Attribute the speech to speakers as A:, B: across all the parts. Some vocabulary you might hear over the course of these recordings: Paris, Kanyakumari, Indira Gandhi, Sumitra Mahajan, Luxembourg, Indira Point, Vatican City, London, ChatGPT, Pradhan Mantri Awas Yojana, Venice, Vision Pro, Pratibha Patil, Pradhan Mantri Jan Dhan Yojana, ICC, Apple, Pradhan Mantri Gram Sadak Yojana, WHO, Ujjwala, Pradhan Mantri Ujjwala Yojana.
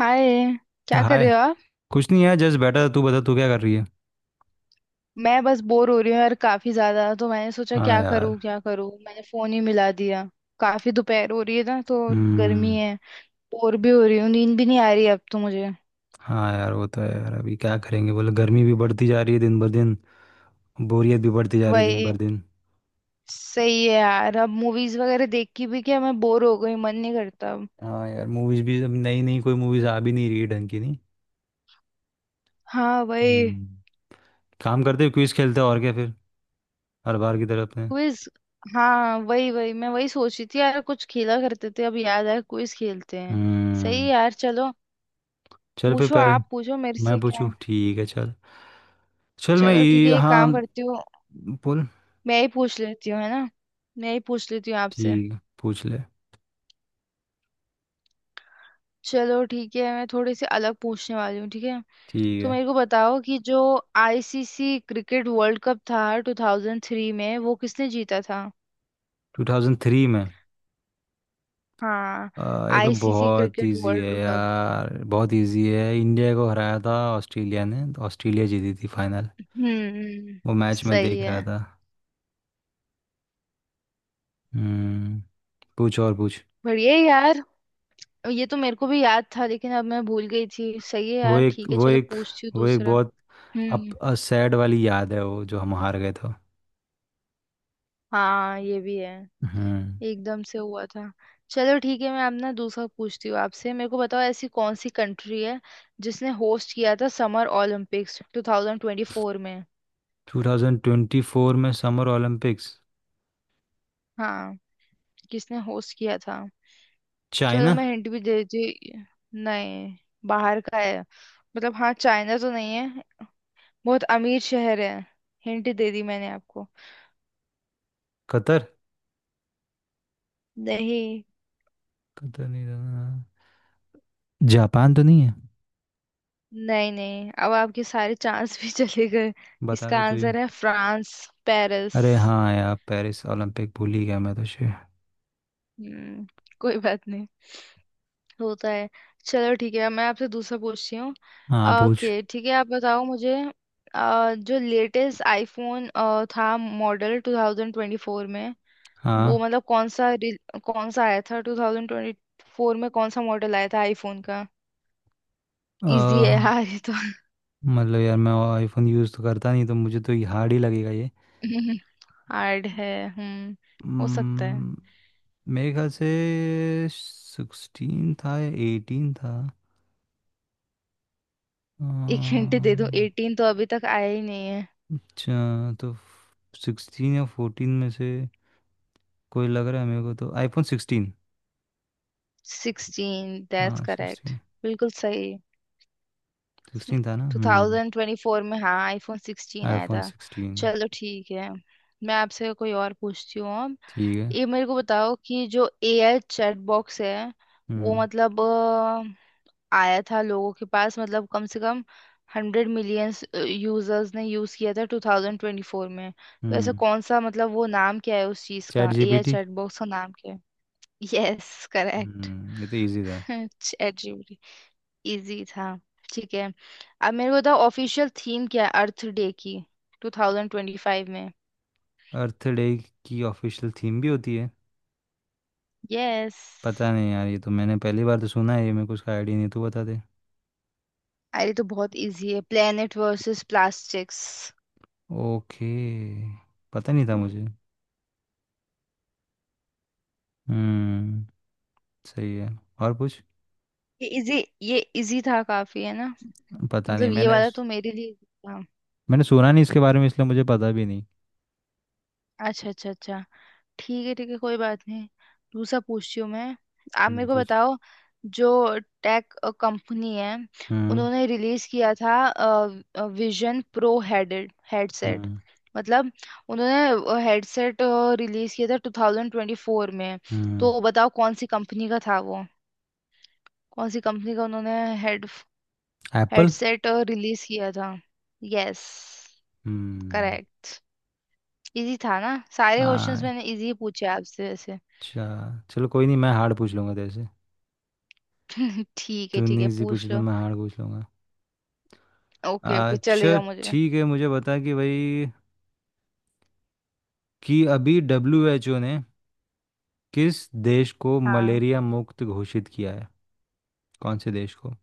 A: हाय। क्या कर
B: हाय।
A: रहे हो आप?
B: कुछ नहीं यार, जस्ट बैठा था। तू बता, तू क्या कर रही है?
A: मैं बस बोर हो रही हूँ यार काफी ज्यादा, तो मैंने सोचा
B: हाँ
A: क्या
B: यार।
A: करूँ क्या करूँ, मैंने फोन ही मिला दिया। काफी दोपहर हो रही है ना, तो गर्मी
B: हम्म।
A: है। बोर भी हो रही हूँ, नींद भी नहीं आ रही अब तो मुझे।
B: हाँ यार, वो तो है यार। अभी क्या करेंगे बोले, गर्मी भी बढ़ती जा रही है दिन भर दिन, बोरियत भी बढ़ती जा रही है दिन
A: वही।
B: भर दिन।
A: सही है यार, अब मूवीज वगैरह देख के भी क्या, मैं बोर हो गई, मन नहीं करता अब।
B: हाँ यार, मूवीज भी अब नई नई कोई मूवीज आ भी नहीं रही है ढंग की, नहीं।
A: हाँ वही।
B: हम्म। काम करते, क्विज खेलते हैं, और क्या फिर हर बार की तरह अपने।
A: क्विज। हाँ वही वही, मैं वही सोच रही थी यार, कुछ खेला करते थे, अब याद आया, क्विज खेलते हैं। सही है
B: हम्म।
A: यार, चलो।
B: चल फिर
A: पूछो
B: पहले
A: आप, पूछो मेरे से
B: मैं पूछूं,
A: क्या।
B: ठीक है चल। चल मैं,
A: चलो ठीक
B: ये
A: है, एक
B: हाँ,
A: काम करती हूँ।
B: बोल।
A: मैं ही पूछ लेती हूँ है ना। मैं ही पूछ लेती हूँ आपसे।
B: ठीक है, पूछ ले।
A: चलो ठीक है, मैं थोड़ी सी अलग पूछने वाली हूँ, ठीक है।
B: ठीक
A: तो
B: है।
A: मेरे को बताओ कि जो आईसीसी क्रिकेट वर्ल्ड कप था 2003 में, वो किसने जीता था?
B: 2003 में?
A: हाँ,
B: ये तो
A: आईसीसी
B: बहुत
A: क्रिकेट
B: इजी है
A: वर्ल्ड कप।
B: यार। बहुत इजी है, इंडिया को हराया था ऑस्ट्रेलिया ने, तो ऑस्ट्रेलिया जीती थी फाइनल।
A: हम्म।
B: वो मैच मैं
A: सही
B: देख रहा
A: है।
B: था। हम्म। पूछ और पूछ।
A: बढ़िया है यार। ये तो मेरे को भी याद था लेकिन अब मैं भूल गई थी, सही है
B: वो
A: यार,
B: एक
A: ठीक है
B: वो
A: चलो
B: एक
A: पूछती हूँ
B: वो एक
A: दूसरा।
B: बहुत
A: हम्म।
B: अप सैड वाली याद है, वो जो हम हार गए थे।
A: हाँ ये भी है।
B: हम्म।
A: एकदम से हुआ था। चलो ठीक है, मैं अब ना दूसरा पूछती हूँ आपसे। मेरे को बताओ ऐसी कौन सी कंट्री है जिसने होस्ट किया था समर ओलंपिक्स 2024 में?
B: 2024 में समर ओलंपिक्स?
A: हाँ। किसने होस्ट किया था? चलो
B: चाइना।
A: मैं हिंट भी दे देती। नहीं, बाहर का है मतलब, हाँ चाइना तो नहीं है। बहुत अमीर शहर है। हिंट दे दी मैंने आपको।
B: कतर?
A: नहीं।
B: कतर नहीं था? जापान तो नहीं है?
A: नहीं नहीं, अब आपके सारे चांस भी चले गए।
B: बता
A: इसका
B: दे तू ही।
A: आंसर है फ्रांस। पेरिस।
B: अरे हाँ यार, पेरिस ओलंपिक भूल ही गया मैं तुझे।
A: हम्म। कोई बात नहीं। होता है। चलो ठीक है, मैं आपसे दूसरा पूछती हूँ।
B: हाँ पूछ।
A: ओके, ठीक है, आप बताओ मुझे। जो लेटेस्ट आईफोन था मॉडल 2024 में, वो
B: हाँ।
A: मतलब कौन सा कौन सा आया था 2024 में, कौन सा मॉडल आया था आईफोन का? इजी है
B: अह,
A: यार ये तो।
B: मतलब यार, मैं आईफोन यूज़ तो करता नहीं, तो मुझे तो ये हार्ड ही लगेगा ये।
A: हार्ड है। हम्म। हो सकता है।
B: हम्म, मेरे ख्याल से सिक्सटीन था या एटीन था।
A: एक हिंट
B: अह,
A: दे दूं, 18 तो अभी तक आया ही नहीं है।
B: अच्छा तो सिक्सटीन या फोर्टीन में से कोई लग रहा है मेरे को, तो आईफोन सिक्सटीन।
A: 16, दैट्स
B: हाँ
A: करेक्ट।
B: सिक्सटीन।
A: बिल्कुल सही।
B: सिक्सटीन था ना। हम्म।
A: 2024 में हाँ आईफोन 16 आया
B: आईफोन
A: था।
B: सिक्सटीन।
A: चलो ठीक है, मैं आपसे कोई और पूछती हूँ अब।
B: ठीक है।
A: ये मेरे को बताओ कि जो एआई चैट बॉक्स है वो,
B: हम्म।
A: मतलब आया था लोगों के पास, मतलब कम से कम 100 मिलियंस यूजर्स ने यूज किया था 2024 में, तो ऐसा
B: हम्म।
A: कौन सा, मतलब वो नाम क्या है उस चीज
B: चैट
A: का, एआई
B: जीपीटी।
A: चैट बॉक्स का नाम क्या है? Yes correct.
B: हम्म, ये तो इजी था।
A: चैट इजी था। ठीक है। अब मेरे को बताओ ऑफिशियल थीम क्या है अर्थ डे की 2025 में?
B: अर्थ डे की ऑफिशियल थीम भी होती है?
A: यस।
B: पता नहीं यार, ये तो मैंने पहली बार तो सुना है ये, मेरे को उसका आइडिया नहीं, तू बता दे।
A: अरे तो बहुत इजी है, प्लेनेट वर्सेस प्लास्टिक्स।
B: ओके। पता नहीं था मुझे। हम्म। सही है। और कुछ?
A: ये इजी। ये इजी था काफी है ना।
B: पता नहीं,
A: मतलब ये
B: मैंने
A: वाला तो मेरे लिए easy था।
B: मैंने सुना नहीं इसके बारे में, इसलिए मुझे पता भी नहीं।
A: अच्छा अच्छा अच्छा। ठीक है ठीक है, कोई बात नहीं। दूसरा पूछती हूँ मैं। आप मेरे को
B: पूछ।
A: बताओ, जो टेक कंपनी है,
B: हम्म।
A: उन्होंने रिलीज किया था विजन प्रो हेडेड हेडसेट,
B: हम्म।
A: मतलब उन्होंने हेडसेट रिलीज किया था 2024 में,
B: हम्म।
A: तो बताओ कौन सी कंपनी का था वो? कौन सी कंपनी का उन्होंने हेड
B: एप्पल।
A: हेडसेट रिलीज किया था? यस
B: हम्म।
A: करेक्ट। इजी था ना। सारे
B: आ,
A: क्वेश्चंस मैंने इजी पूछे आपसे वैसे।
B: अच्छा, चलो कोई नहीं, मैं हार्ड पूछ लूँगा तेरे से।
A: ठीक
B: तूने
A: है
B: इजी पूछी,
A: पूछ
B: तो
A: लो।
B: मैं हार्ड पूछ लूँगा।
A: ओके ओके
B: अच्छा
A: चलेगा मुझे।
B: ठीक है, मुझे बता कि भाई, कि अभी डब्ल्यू एच ओ ने किस देश को
A: हाँ।
B: मलेरिया मुक्त घोषित किया है? कौन से देश को?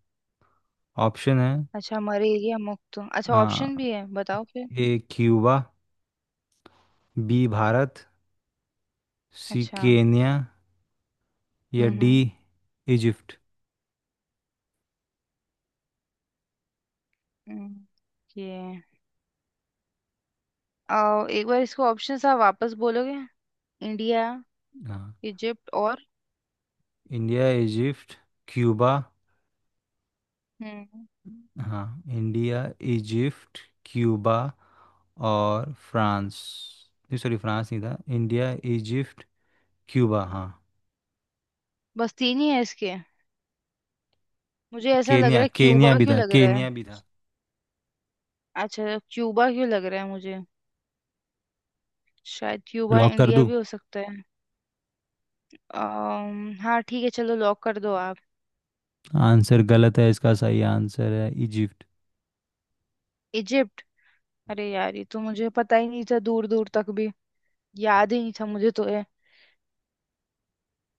B: ऑप्शन है।
A: अच्छा मलेरिया मुक्त, अच्छा
B: आ,
A: ऑप्शन भी है बताओ फिर।
B: A Cuba, B Bharat, C
A: अच्छा।
B: केन्या, या डी
A: हम्म।
B: इजिप्ट।
A: हम्म, ये। आओ एक बार इसको ऑप्शन आप वापस बोलोगे। इंडिया,
B: हाँ,
A: इजिप्ट और।
B: India, Egypt, Cuba.
A: हम्म।
B: हाँ, इंडिया, इजिप्ट, क्यूबा, और फ्रांस, नहीं सॉरी फ्रांस नहीं था। इंडिया, इजिप्ट, क्यूबा, हाँ।
A: बस तीन ही है इसके। मुझे ऐसा लग
B: केन्या,
A: रहा है
B: केन्या
A: क्यूबा,
B: भी
A: क्यों
B: था,
A: लग रहा है।
B: केन्या भी था।
A: अच्छा क्यूबा क्यों लग रहा है मुझे। शायद क्यूबा,
B: लॉक कर
A: इंडिया
B: दूं?
A: भी हो सकता है। हाँ ठीक है, चलो लॉक कर दो आप।
B: आंसर गलत है इसका, सही आंसर है इजिप्ट।
A: इजिप्ट। अरे यार ये तो मुझे पता ही नहीं था दूर दूर तक भी। याद ही नहीं था मुझे तो ये।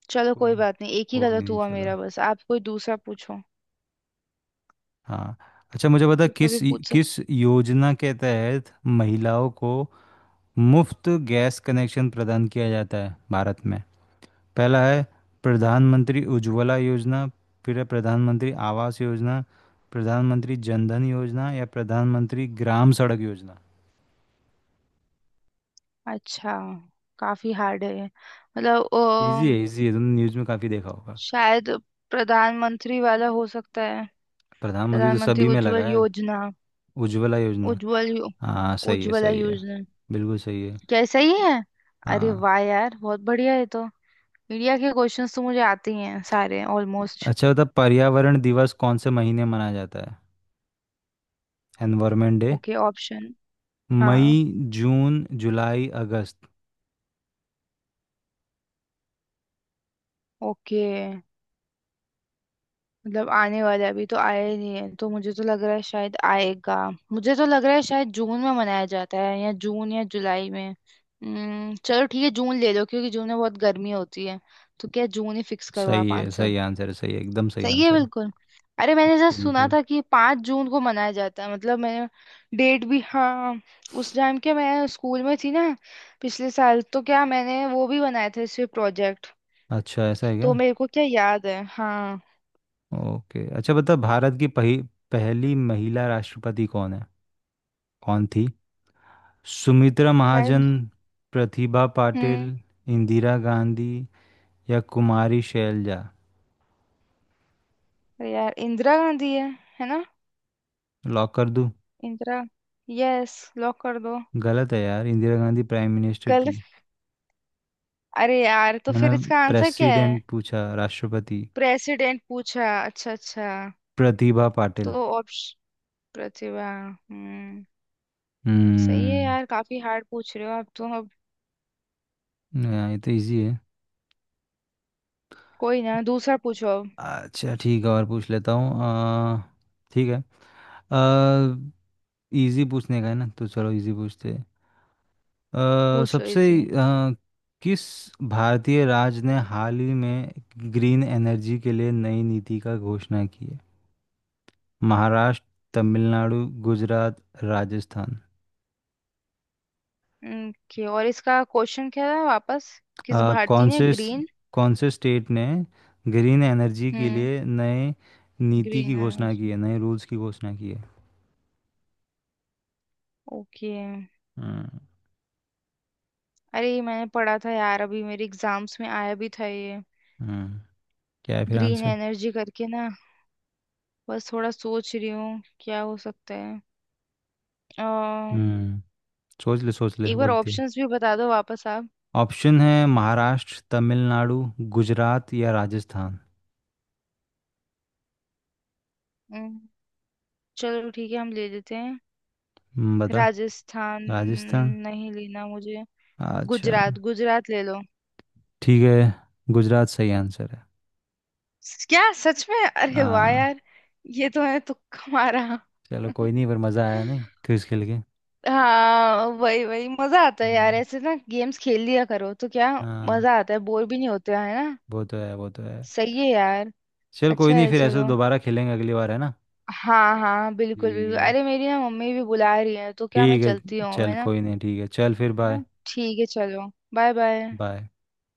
A: चलो
B: को,
A: कोई बात नहीं, एक ही
B: कोई
A: गलत
B: नहीं,
A: हुआ
B: चलो।
A: मेरा बस, आप कोई दूसरा पूछो।
B: हाँ, अच्छा मुझे बता,
A: दूसरा
B: किस
A: भी पूछ
B: किस
A: सक।
B: योजना के तहत महिलाओं को मुफ्त गैस कनेक्शन प्रदान किया जाता है भारत में? पहला है प्रधानमंत्री उज्ज्वला योजना, फिर है प्रधानमंत्री आवास योजना, प्रधानमंत्री जनधन योजना, या प्रधानमंत्री ग्राम सड़क योजना।
A: अच्छा। काफी हार्ड है ये। मतलब
B: इजी है, इजी है, तुमने न्यूज़ में काफ़ी देखा होगा।
A: शायद प्रधानमंत्री वाला हो सकता है।
B: प्रधानमंत्री तो
A: प्रधानमंत्री
B: सभी में लगा
A: उज्जवल
B: है।
A: योजना।
B: उज्ज्वला योजना।
A: उज्जवल यो,
B: हाँ सही है,
A: उज्ज्वला
B: सही है,
A: योजना।
B: बिल्कुल सही है।
A: क्या सही है? अरे
B: हाँ।
A: वाह यार बहुत बढ़िया है, तो इंडिया के क्वेश्चंस तो मुझे आते ही हैं सारे ऑलमोस्ट।
B: अच्छा बता, पर्यावरण दिवस कौन से महीने मनाया जाता है, एनवायरमेंट डे?
A: Okay option.
B: मई,
A: हाँ।
B: जून, जुलाई, अगस्त।
A: ओके। मतलब आने वाला है, अभी तो आया नहीं है, तो मुझे तो लग रहा है शायद आएगा। मुझे तो लग रहा है शायद जून में मनाया जाता है, या जून या जुलाई में। चलो ठीक है जून ले लो, क्योंकि जून में बहुत गर्मी होती है, तो क्या जून ही फिक्स करो आप
B: सही है,
A: आंसर।
B: सही आंसर है, सही है, एकदम सही
A: सही है
B: आंसर है।
A: बिल्कुल। अरे मैंने जस्ट सुना
B: बिल्कुल।
A: था कि 5 जून को मनाया जाता है, मतलब मैंने डेट भी हाँ। उस टाइम के मैं स्कूल में थी ना, पिछले साल, तो क्या मैंने वो भी बनाया था इस पे प्रोजेक्ट।
B: अच्छा, ऐसा है क्या?
A: तो मेरे को क्या याद है हाँ।
B: ओके। अच्छा बता, भारत की पहली महिला राष्ट्रपति कौन है, कौन थी? सुमित्रा
A: शायद।
B: महाजन, प्रतिभा पाटिल,
A: हम्म।
B: इंदिरा गांधी, या कुमारी शैलजा।
A: अरे यार इंदिरा गांधी है ना।
B: लॉक कर दूं?
A: इंदिरा। यस। लॉक कर दो।
B: गलत है यार, इंदिरा गांधी प्राइम मिनिस्टर
A: गलत।
B: थी।
A: अरे यार तो
B: मैंने
A: फिर इसका आंसर क्या है?
B: प्रेसिडेंट पूछा, राष्ट्रपति।
A: प्रेसिडेंट पूछा, अच्छा अच्छा।
B: प्रतिभा
A: तो
B: पाटिल।
A: ऑप्शन। प्रतिभा हम्म। सही है
B: हम्म।
A: यार, काफी हार्ड पूछ रहे हो आप तो अब।
B: ये तो इजी है।
A: कोई ना, दूसरा पूछो अब।
B: अच्छा ठीक है, और पूछ लेता हूँ। ठीक है, इजी पूछने का है ना, तो चलो इजी पूछते हैं। आ,
A: पूछ लो
B: सबसे
A: इजी।
B: आ, किस भारतीय राज्य ने हाल ही में ग्रीन एनर्जी के लिए नई नीति का घोषणा की है? महाराष्ट्र, तमिलनाडु, गुजरात, राजस्थान।
A: ओके और इसका क्वेश्चन क्या था वापस? किस भारतीय
B: कौन
A: ने
B: से,
A: ग्रीन।
B: कौन से स्टेट ने ग्रीन एनर्जी के
A: हम्म।
B: लिए नए नीति की
A: ग्रीन
B: घोषणा की
A: एनर्जी।
B: है, नए रूल्स की घोषणा की है?
A: ओके।
B: हम्म।
A: अरे ये मैंने पढ़ा था यार, अभी मेरे एग्जाम्स में आया भी था ये।
B: हम्म, क्या है फिर
A: ग्रीन
B: आंसर?
A: एनर्जी करके ना। बस थोड़ा सोच रही हूँ क्या हो सकता है। अ,
B: हम्म, सोच ले सोच ले,
A: एक बार
B: वक्त दे।
A: ऑप्शंस भी बता दो वापस आप।
B: ऑप्शन है महाराष्ट्र, तमिलनाडु, गुजरात, या राजस्थान।
A: अम्म, चलो ठीक है हम ले लेते हैं।
B: बता।
A: राजस्थान।
B: राजस्थान?
A: नहीं लेना मुझे।
B: अच्छा,
A: गुजरात, गुजरात ले लो।
B: ठीक है, गुजरात सही आंसर है।
A: क्या सच में? अरे वाह
B: हाँ।
A: यार। ये तो है तुक्का मारा।
B: चलो कोई नहीं, पर मज़ा आया नहीं क्विज खेल के?
A: हाँ वही वही मजा आता है यार
B: हम्म,
A: ऐसे ना, गेम्स खेल लिया करो तो क्या।
B: हाँ,
A: मजा आता है, बोर भी नहीं होते है ना।
B: वो तो है, वो तो है।
A: सही है यार।
B: चल कोई
A: अच्छा
B: नहीं,
A: है
B: फिर ऐसे तो
A: चलो।
B: दोबारा खेलेंगे अगली बार, है ना?
A: हाँ हाँ बिल्कुल
B: ठीक
A: बिल्कुल,
B: है,
A: अरे मेरी ना मम्मी भी बुला रही है, तो क्या मैं
B: ठीक है।
A: चलती हूँ
B: चल
A: है ना।
B: कोई नहीं, ठीक है, चल फिर बाय।
A: हाँ, ठीक है चलो। Bye bye.
B: बाय।